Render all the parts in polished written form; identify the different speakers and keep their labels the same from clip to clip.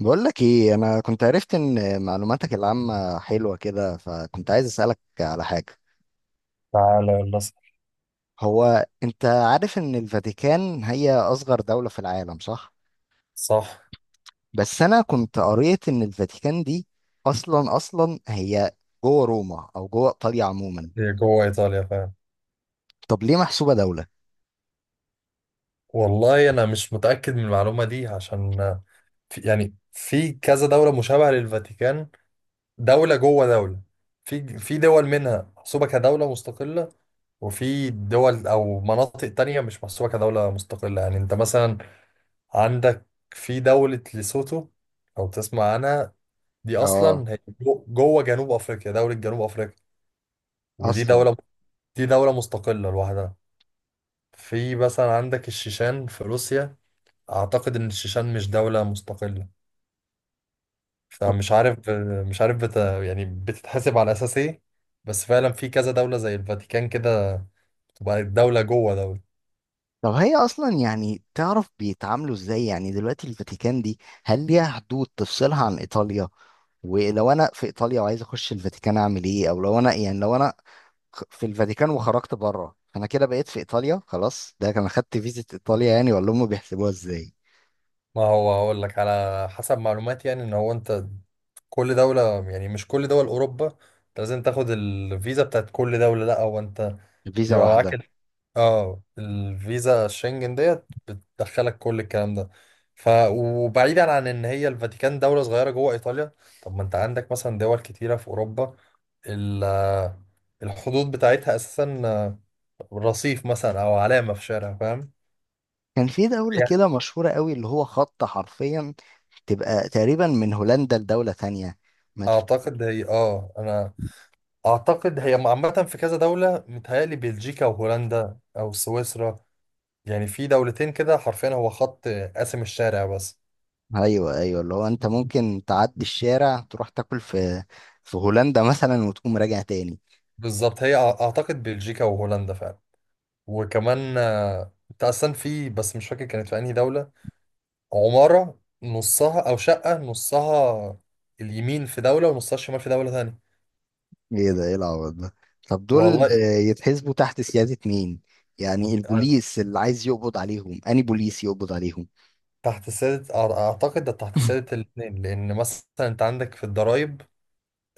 Speaker 1: بقول لك ايه؟ انا كنت عرفت ان معلوماتك العامة حلوة كده، فكنت عايز اسألك على حاجة.
Speaker 2: تعالى، يلا اسأل.
Speaker 1: هو انت عارف ان الفاتيكان هي اصغر دولة في العالم، صح؟
Speaker 2: صح.
Speaker 1: بس انا كنت قريت ان الفاتيكان دي اصلا اصلا هي جوه روما او جوه ايطاليا عموما.
Speaker 2: هي جوه إيطاليا فعلا.
Speaker 1: طب ليه محسوبة دولة؟
Speaker 2: والله أنا مش متأكد من المعلومة دي عشان في يعني كذا دولة مشابهة للفاتيكان، دولة جوه دولة. في دول منها محسوبة كدولة مستقلة، وفي دول أو مناطق تانية مش محسوبة كدولة مستقلة. يعني أنت مثلا عندك في دولة ليسوتو، لو تسمع عنها، دي
Speaker 1: اه،
Speaker 2: أصلا هي جوه جنوب أفريقيا، دولة جنوب أفريقيا. ودي
Speaker 1: اصلا.
Speaker 2: دولة، دي دولة مستقلة لوحدها. في مثلا عندك الشيشان في روسيا، اعتقد ان الشيشان مش دولة مستقلة.
Speaker 1: طب
Speaker 2: فمش عارف، مش عارف يعني بتتحسب على اساس ايه. بس فعلا في كذا دولة زي الفاتيكان كده، تبقى دولة جوه دولة.
Speaker 1: طب هي اصلا يعني تعرف بيتعاملوا ازاي؟ يعني دلوقتي الفاتيكان دي هل ليها حدود تفصلها عن ايطاليا؟ ولو انا في ايطاليا وعايز اخش الفاتيكان اعمل ايه؟ او لو انا في الفاتيكان وخرجت بره انا كده بقيت في ايطاليا خلاص، ده كان خدت فيزا ايطاليا يعني، ولا هم بيحسبوها ازاي؟
Speaker 2: ما هو هقول لك على حسب معلوماتي، يعني ان هو انت كل دولة، يعني مش كل دول اوروبا انت لازم تاخد الفيزا بتاعت كل دولة، لا هو انت
Speaker 1: فيزا
Speaker 2: بيبقى
Speaker 1: واحده.
Speaker 2: معاك، اه، الفيزا الشنجن ديت بتدخلك كل الكلام ده. ف وبعيدا عن ان هي الفاتيكان دولة صغيرة جوه ايطاليا، طب ما انت عندك مثلا دول كتيرة في اوروبا، ال الحدود بتاعتها اساسا رصيف مثلا او علامة في شارع، فاهم؟
Speaker 1: كان في دولة
Speaker 2: هي
Speaker 1: كده مشهورة قوي اللي هو خط حرفيا تبقى تقريبا من هولندا لدولة تانية. ما تف...
Speaker 2: اعتقد هي اه انا اعتقد هي عامة في كذا دولة، متهيألي بلجيكا وهولندا او سويسرا، يعني في دولتين كده حرفيا هو خط قاسم الشارع بس.
Speaker 1: ايوه ايوه، اللي هو انت ممكن تعدي الشارع تروح تاكل في هولندا مثلا وتقوم راجع تاني.
Speaker 2: بالظبط، هي اعتقد بلجيكا وهولندا فعلا. وكمان انت اصلا في، بس مش فاكر كانت في انهي دولة، عمارة نصها او شقة نصها اليمين في دولة ونصها الشمال في دولة تانية.
Speaker 1: ايه ده؟ ايه العبط ده؟ طب دول
Speaker 2: والله،
Speaker 1: يتحسبوا تحت سيادة مين؟ يعني البوليس اللي عايز يقبض عليهم اني بوليس يقبض عليهم؟
Speaker 2: تحت سيادة اعتقد ده تحت سيادة الاتنين، لان مثلا انت عندك في الضرايب،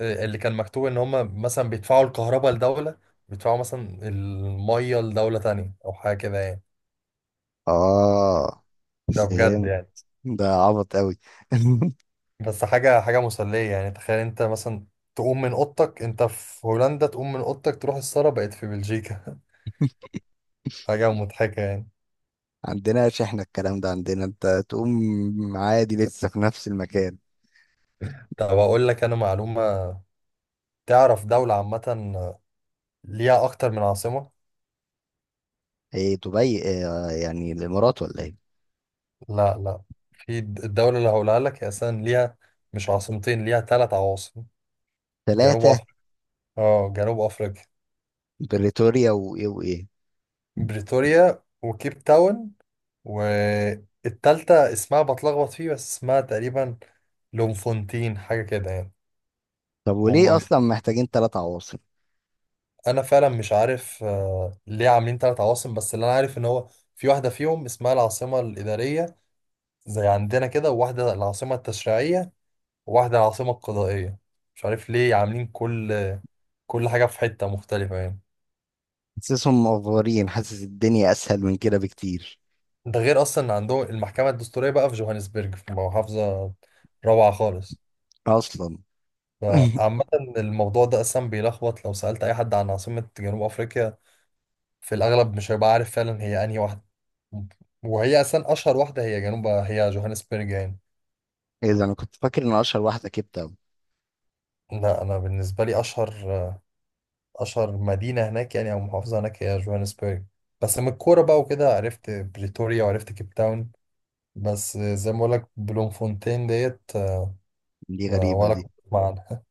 Speaker 2: اللي كان مكتوب ان هم مثلا بيدفعوا الكهرباء لدولة، بيدفعوا مثلا المية لدولة تانية او حاجة كده يعني.
Speaker 1: اه،
Speaker 2: ده بجد
Speaker 1: فهم.
Speaker 2: يعني.
Speaker 1: ده عبط قوي.
Speaker 2: بس حاجة حاجة مسلية، يعني تخيل انت مثلا تقوم من اوضتك انت في هولندا، تقوم من اوضتك تروح السارة بقت في بلجيكا. حاجة مضحكة يعني.
Speaker 1: عندنا احنا الكلام ده، عندنا انت تقوم عادي لسه في نفس المكان.
Speaker 2: طب اقول لك انا معلومة، تعرف دولة عامة ليها اكتر من عاصمة؟
Speaker 1: ايه دبي إيه يعني الامارات ولا ايه؟
Speaker 2: لا لا. في الدولة اللي هقولها لك هي اساسا ليها مش عاصمتين، ليها ثلاث عواصم. جنوب
Speaker 1: ثلاثة.
Speaker 2: افريقيا. اه، جنوب افريقيا.
Speaker 1: بريتوريا وايه وايه؟
Speaker 2: بريتوريا وكيب تاون، والتالتة اسمها بتلخبط فيه، بس اسمها تقريبا لومفونتين، حاجة كده يعني.
Speaker 1: طب وليه
Speaker 2: هم،
Speaker 1: اصلا محتاجين ثلاث عواصم؟
Speaker 2: انا فعلا مش عارف ليه عاملين ثلاث عواصم، بس اللي انا عارف ان هو في واحده فيهم اسمها العاصمه الاداريه، زي عندنا كده، وواحده العاصمه التشريعيه، وواحده العاصمه القضائيه. مش عارف ليه عاملين كل حاجه في حته مختلفه يعني.
Speaker 1: حاسسهم مقفورين، حاسس الدنيا اسهل من كده بكتير.
Speaker 2: ده غير اصلا إن عندهم المحكمه الدستوريه بقى في جوهانسبرج، في محافظه روعه خالص.
Speaker 1: اصلا.
Speaker 2: فعامه، الموضوع ده اصلا بيلخبط، لو سالت اي حد عن عاصمه جنوب افريقيا في الاغلب مش هيبقى عارف فعلا هي انهي واحده ممكن. وهي اصلا اشهر واحده هي جنوب، هي جوهانسبرج يعني.
Speaker 1: ايه ده؟ انا كنت فاكر ان اشهر واحده كيب تاون.
Speaker 2: لا، انا بالنسبه لي اشهر، اشهر مدينه هناك يعني او محافظه هناك هي جوهانسبرج، بس من الكوره بقى وكده عرفت بريتوريا وعرفت كيب تاون، بس زي ما بقول لك بلوم فونتين ديت
Speaker 1: دي غريبه
Speaker 2: ولا
Speaker 1: دي.
Speaker 2: كنت أسمع عنها.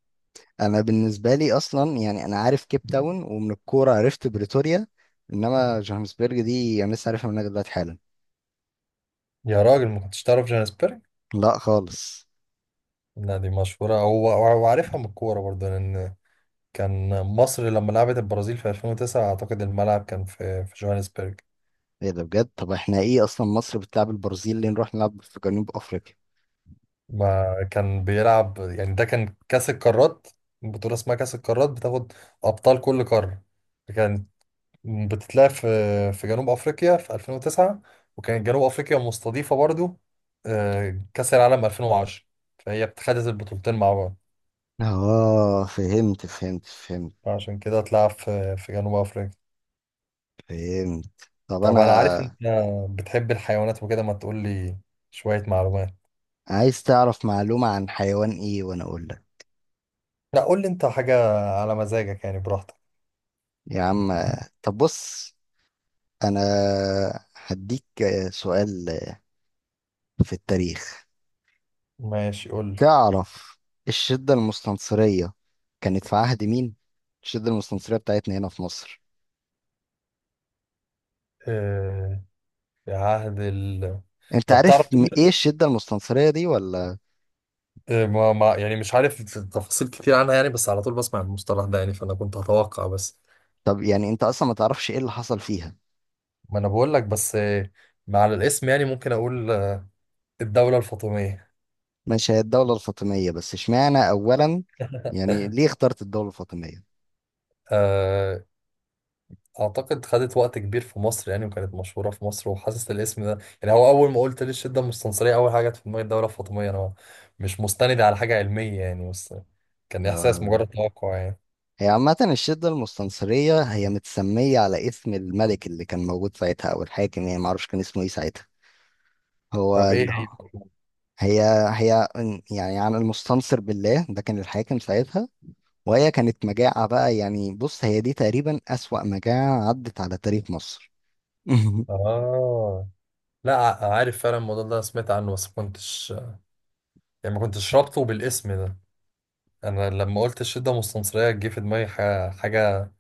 Speaker 1: انا بالنسبه لي اصلا يعني انا عارف كيب تاون، ومن الكوره عرفت بريتوريا. انما جوهانسبرج دي انا لسه عارفها منك دلوقتي حالا.
Speaker 2: يا راجل، ما كنتش تعرف جوهانسبرج؟
Speaker 1: لا خالص.
Speaker 2: لا دي مشهوره هو، وعارفها من الكوره برضه، لان كان مصر لما لعبت البرازيل في 2009 اعتقد الملعب كان في جوهانسبرج.
Speaker 1: ايه ده؟ بجد؟ طب احنا ايه اصلا؟ مصر بتلعب البرازيل ليه؟ نروح نلعب في جنوب افريقيا؟
Speaker 2: ما كان بيلعب يعني، ده كان كأس القارات، بطولة اسمها كأس القارات بتاخد أبطال كل قارة، كانت بتتلعب في جنوب أفريقيا في 2009، وكانت جنوب أفريقيا مستضيفة برضو كأس العالم 2010، فهي خدت البطولتين مع بعض.
Speaker 1: اه، فهمت فهمت فهمت
Speaker 2: فعشان كده اتلعب في جنوب أفريقيا.
Speaker 1: فهمت. طب
Speaker 2: طب
Speaker 1: انا.
Speaker 2: أنا عارف أنت بتحب الحيوانات وكده، ما تقول لي شوية معلومات.
Speaker 1: عايز تعرف معلومه عن حيوان ايه وانا اقول لك؟
Speaker 2: لا، قول لي أنت حاجة على مزاجك يعني، براحتك.
Speaker 1: يا عم. طب بص، انا هديك سؤال في التاريخ.
Speaker 2: ماشي، قول
Speaker 1: تعرف الشدة المستنصرية كانت في عهد مين؟ الشدة المستنصرية بتاعتنا هنا في مصر.
Speaker 2: لي في عهد ال.
Speaker 1: انت
Speaker 2: طب تعرف،
Speaker 1: عارف ايه الشدة المستنصرية دي ولا؟
Speaker 2: آه، ما ما يعني مش عارف تفاصيل كتير عنها يعني، بس على طول بسمع المصطلح ده يعني، فأنا كنت هتوقع بس.
Speaker 1: طب يعني انت اصلا ما تعرفش ايه اللي حصل فيها؟
Speaker 2: ما أنا بقول لك بس، مع الاسم يعني، ممكن أقول الدولة الفاطمية.
Speaker 1: ماشي، هي الدولة الفاطمية، بس اشمعنى اولا؟ يعني ليه اخترت الدولة الفاطمية؟
Speaker 2: آه، أعتقد خدت وقت كبير في مصر يعني، وكانت مشهورة في مصر، وحاسس الاسم ده يعني هو أول ما قلت لي الشدة المستنصرية أول حاجة جت في دماغي الدولة الفاطمية. أنا مش مستند على حاجة علمية يعني، بس كان إحساس
Speaker 1: آه.
Speaker 2: مجرد توقع يعني.
Speaker 1: هي عامة الشدة المستنصرية هي متسمية على اسم الملك اللي كان موجود ساعتها او الحاكم، يعني معرفش كان اسمه ايه ساعتها. هو
Speaker 2: طب إيه
Speaker 1: ال-
Speaker 2: هي؟
Speaker 1: هي هي يعني عن المستنصر بالله، ده كان الحاكم ساعتها. وهي كانت مجاعة بقى، يعني بص هي دي تقريبا أسوأ مجاعة عدت على تاريخ مصر.
Speaker 2: آه. لا عارف فعلا الموضوع ده، سمعت عنه بس ما كنتش، يعني ما كنتش رابطه بالاسم ده. انا لما قلت الشدة مستنصرية جه في دماغي حاجة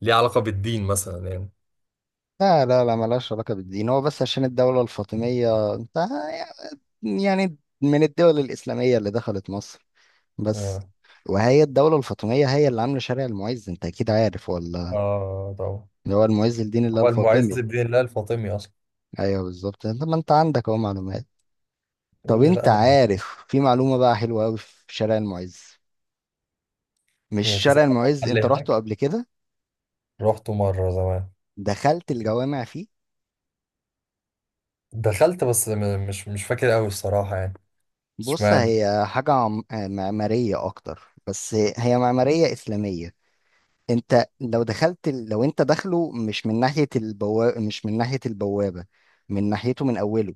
Speaker 2: ليها علاقة بالدين مثلا يعني.
Speaker 1: لا لا لا، ملهاش علاقة بالدين، هو بس عشان الدولة الفاطمية انت يعني من الدول الإسلامية اللي دخلت مصر بس.
Speaker 2: اه.
Speaker 1: وهي الدولة الفاطمية هي اللي عاملة شارع المعز، انت أكيد عارف ولا؟
Speaker 2: اه طبعا.
Speaker 1: اللي هو المعز الدين اللي هو
Speaker 2: هو المعز
Speaker 1: الفاطمي.
Speaker 2: بدين الله الفاطمي اصلا.
Speaker 1: أيوه بالظبط، انت ما انت عندك اهو معلومات.
Speaker 2: يا
Speaker 1: طب
Speaker 2: ابني لا
Speaker 1: انت
Speaker 2: انا.
Speaker 1: عارف في معلومة بقى حلوة أوي في شارع المعز؟ مش
Speaker 2: يعني
Speaker 1: شارع
Speaker 2: تسقط
Speaker 1: المعز،
Speaker 2: محل
Speaker 1: انت رحته
Speaker 2: هناك.
Speaker 1: قبل كده؟
Speaker 2: رحته مرة زمان.
Speaker 1: دخلت الجوامع فيه؟
Speaker 2: دخلت بس مش فاكر قوي الصراحة يعني.
Speaker 1: بص،
Speaker 2: اشمعنى.
Speaker 1: هي حاجة معمارية أكتر. بس هي معمارية إسلامية. أنت لو دخلت، لو أنت داخله مش من ناحية البوابة، مش من ناحية البوابة، من ناحيته من أوله.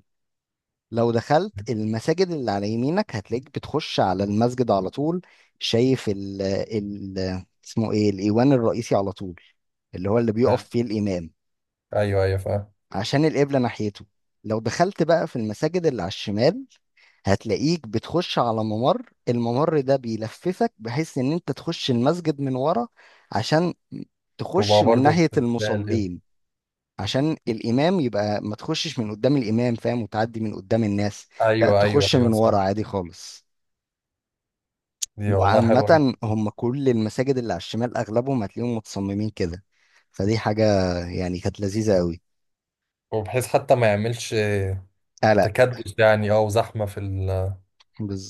Speaker 1: لو دخلت المساجد اللي على يمينك هتلاقيك بتخش على المسجد على طول. شايف ال ال اسمه إيه؟ الإيوان الرئيسي على طول، اللي هو اللي بيقف
Speaker 2: آه،
Speaker 1: فيه الإمام،
Speaker 2: ايوه ايوه فاهم.
Speaker 1: عشان القبلة ناحيته. لو دخلت بقى في المساجد اللي على الشمال هتلاقيك بتخش على ممر، الممر ده بيلففك بحيث ان انت تخش المسجد من ورا، عشان تخش
Speaker 2: تبقى
Speaker 1: من
Speaker 2: برضه
Speaker 1: ناحية
Speaker 2: في ابتدائي.
Speaker 1: المصلين، عشان الإمام يبقى ما تخشش من قدام الإمام، فاهم، وتعدي من قدام الناس. لا،
Speaker 2: ايوه ايوه
Speaker 1: تخش
Speaker 2: ايوه
Speaker 1: من ورا
Speaker 2: صح.
Speaker 1: عادي خالص.
Speaker 2: دي والله حلوة
Speaker 1: وعامة
Speaker 2: جدا.
Speaker 1: هم كل المساجد اللي على الشمال أغلبهم هتلاقيهم متصممين كده، فدي حاجة يعني كانت لذيذة أوي.
Speaker 2: وبحيث حتى ما يعملش
Speaker 1: قلق.
Speaker 2: تكدس يعني، اه، وزحمة في ال-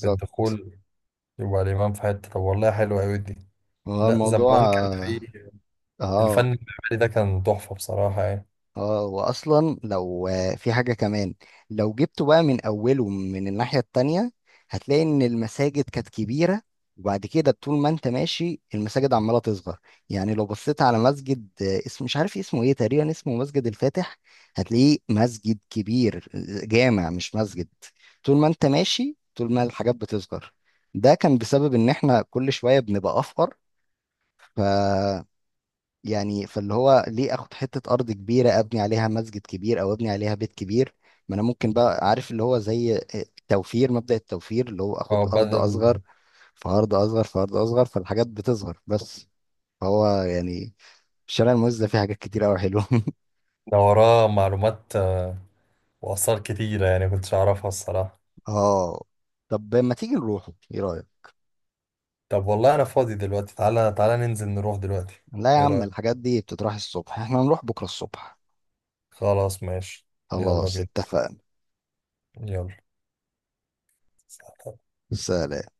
Speaker 2: في الدخول. يبقى الإمام في حتة. طب والله حلوة أوي دي.
Speaker 1: هو
Speaker 2: لا
Speaker 1: الموضوع.
Speaker 2: زمان كان
Speaker 1: اه،
Speaker 2: في الفن
Speaker 1: اه.
Speaker 2: المعماري ده كان تحفة بصراحة يعني.
Speaker 1: واصلا لو في حاجة كمان، لو جبته بقى من اوله من الناحية التانية هتلاقي ان المساجد كانت كبيرة. وبعد كده طول ما انت ماشي المساجد عمالة تصغر. يعني لو بصيت على مسجد اسم مش عارف اسمه ايه، تقريبا اسمه مسجد الفاتح، هتلاقيه مسجد كبير، جامع مش مسجد. طول ما انت ماشي طول ما الحاجات بتصغر. ده كان بسبب ان احنا كل شوية بنبقى افقر. ف يعني فاللي هو ليه اخد حتة ارض كبيرة ابني عليها مسجد كبير او ابني عليها بيت كبير؟ ما انا ممكن بقى عارف اللي هو زي التوفير، مبدأ التوفير اللي هو اخد
Speaker 2: اه
Speaker 1: ارض
Speaker 2: بدل.
Speaker 1: اصغر. في ارض اصغر، فالحاجات بتصغر بس. هو يعني الشارع الموز ده فيه حاجات كتير قوي حلوة.
Speaker 2: ده وراه معلومات وآثار كتيرة يعني كنتش أعرفها الصراحة.
Speaker 1: اه. طب ما تيجي نروحه، ايه رأيك؟
Speaker 2: طب والله أنا فاضي دلوقتي، تعالى تعالى ننزل نروح دلوقتي.
Speaker 1: لا يا
Speaker 2: إيه
Speaker 1: عم،
Speaker 2: رأيك؟
Speaker 1: الحاجات دي بتتراح الصبح، احنا هنروح بكرة الصبح.
Speaker 2: خلاص ماشي. يلا
Speaker 1: خلاص
Speaker 2: بينا.
Speaker 1: اتفقنا.
Speaker 2: يلا.
Speaker 1: سلام.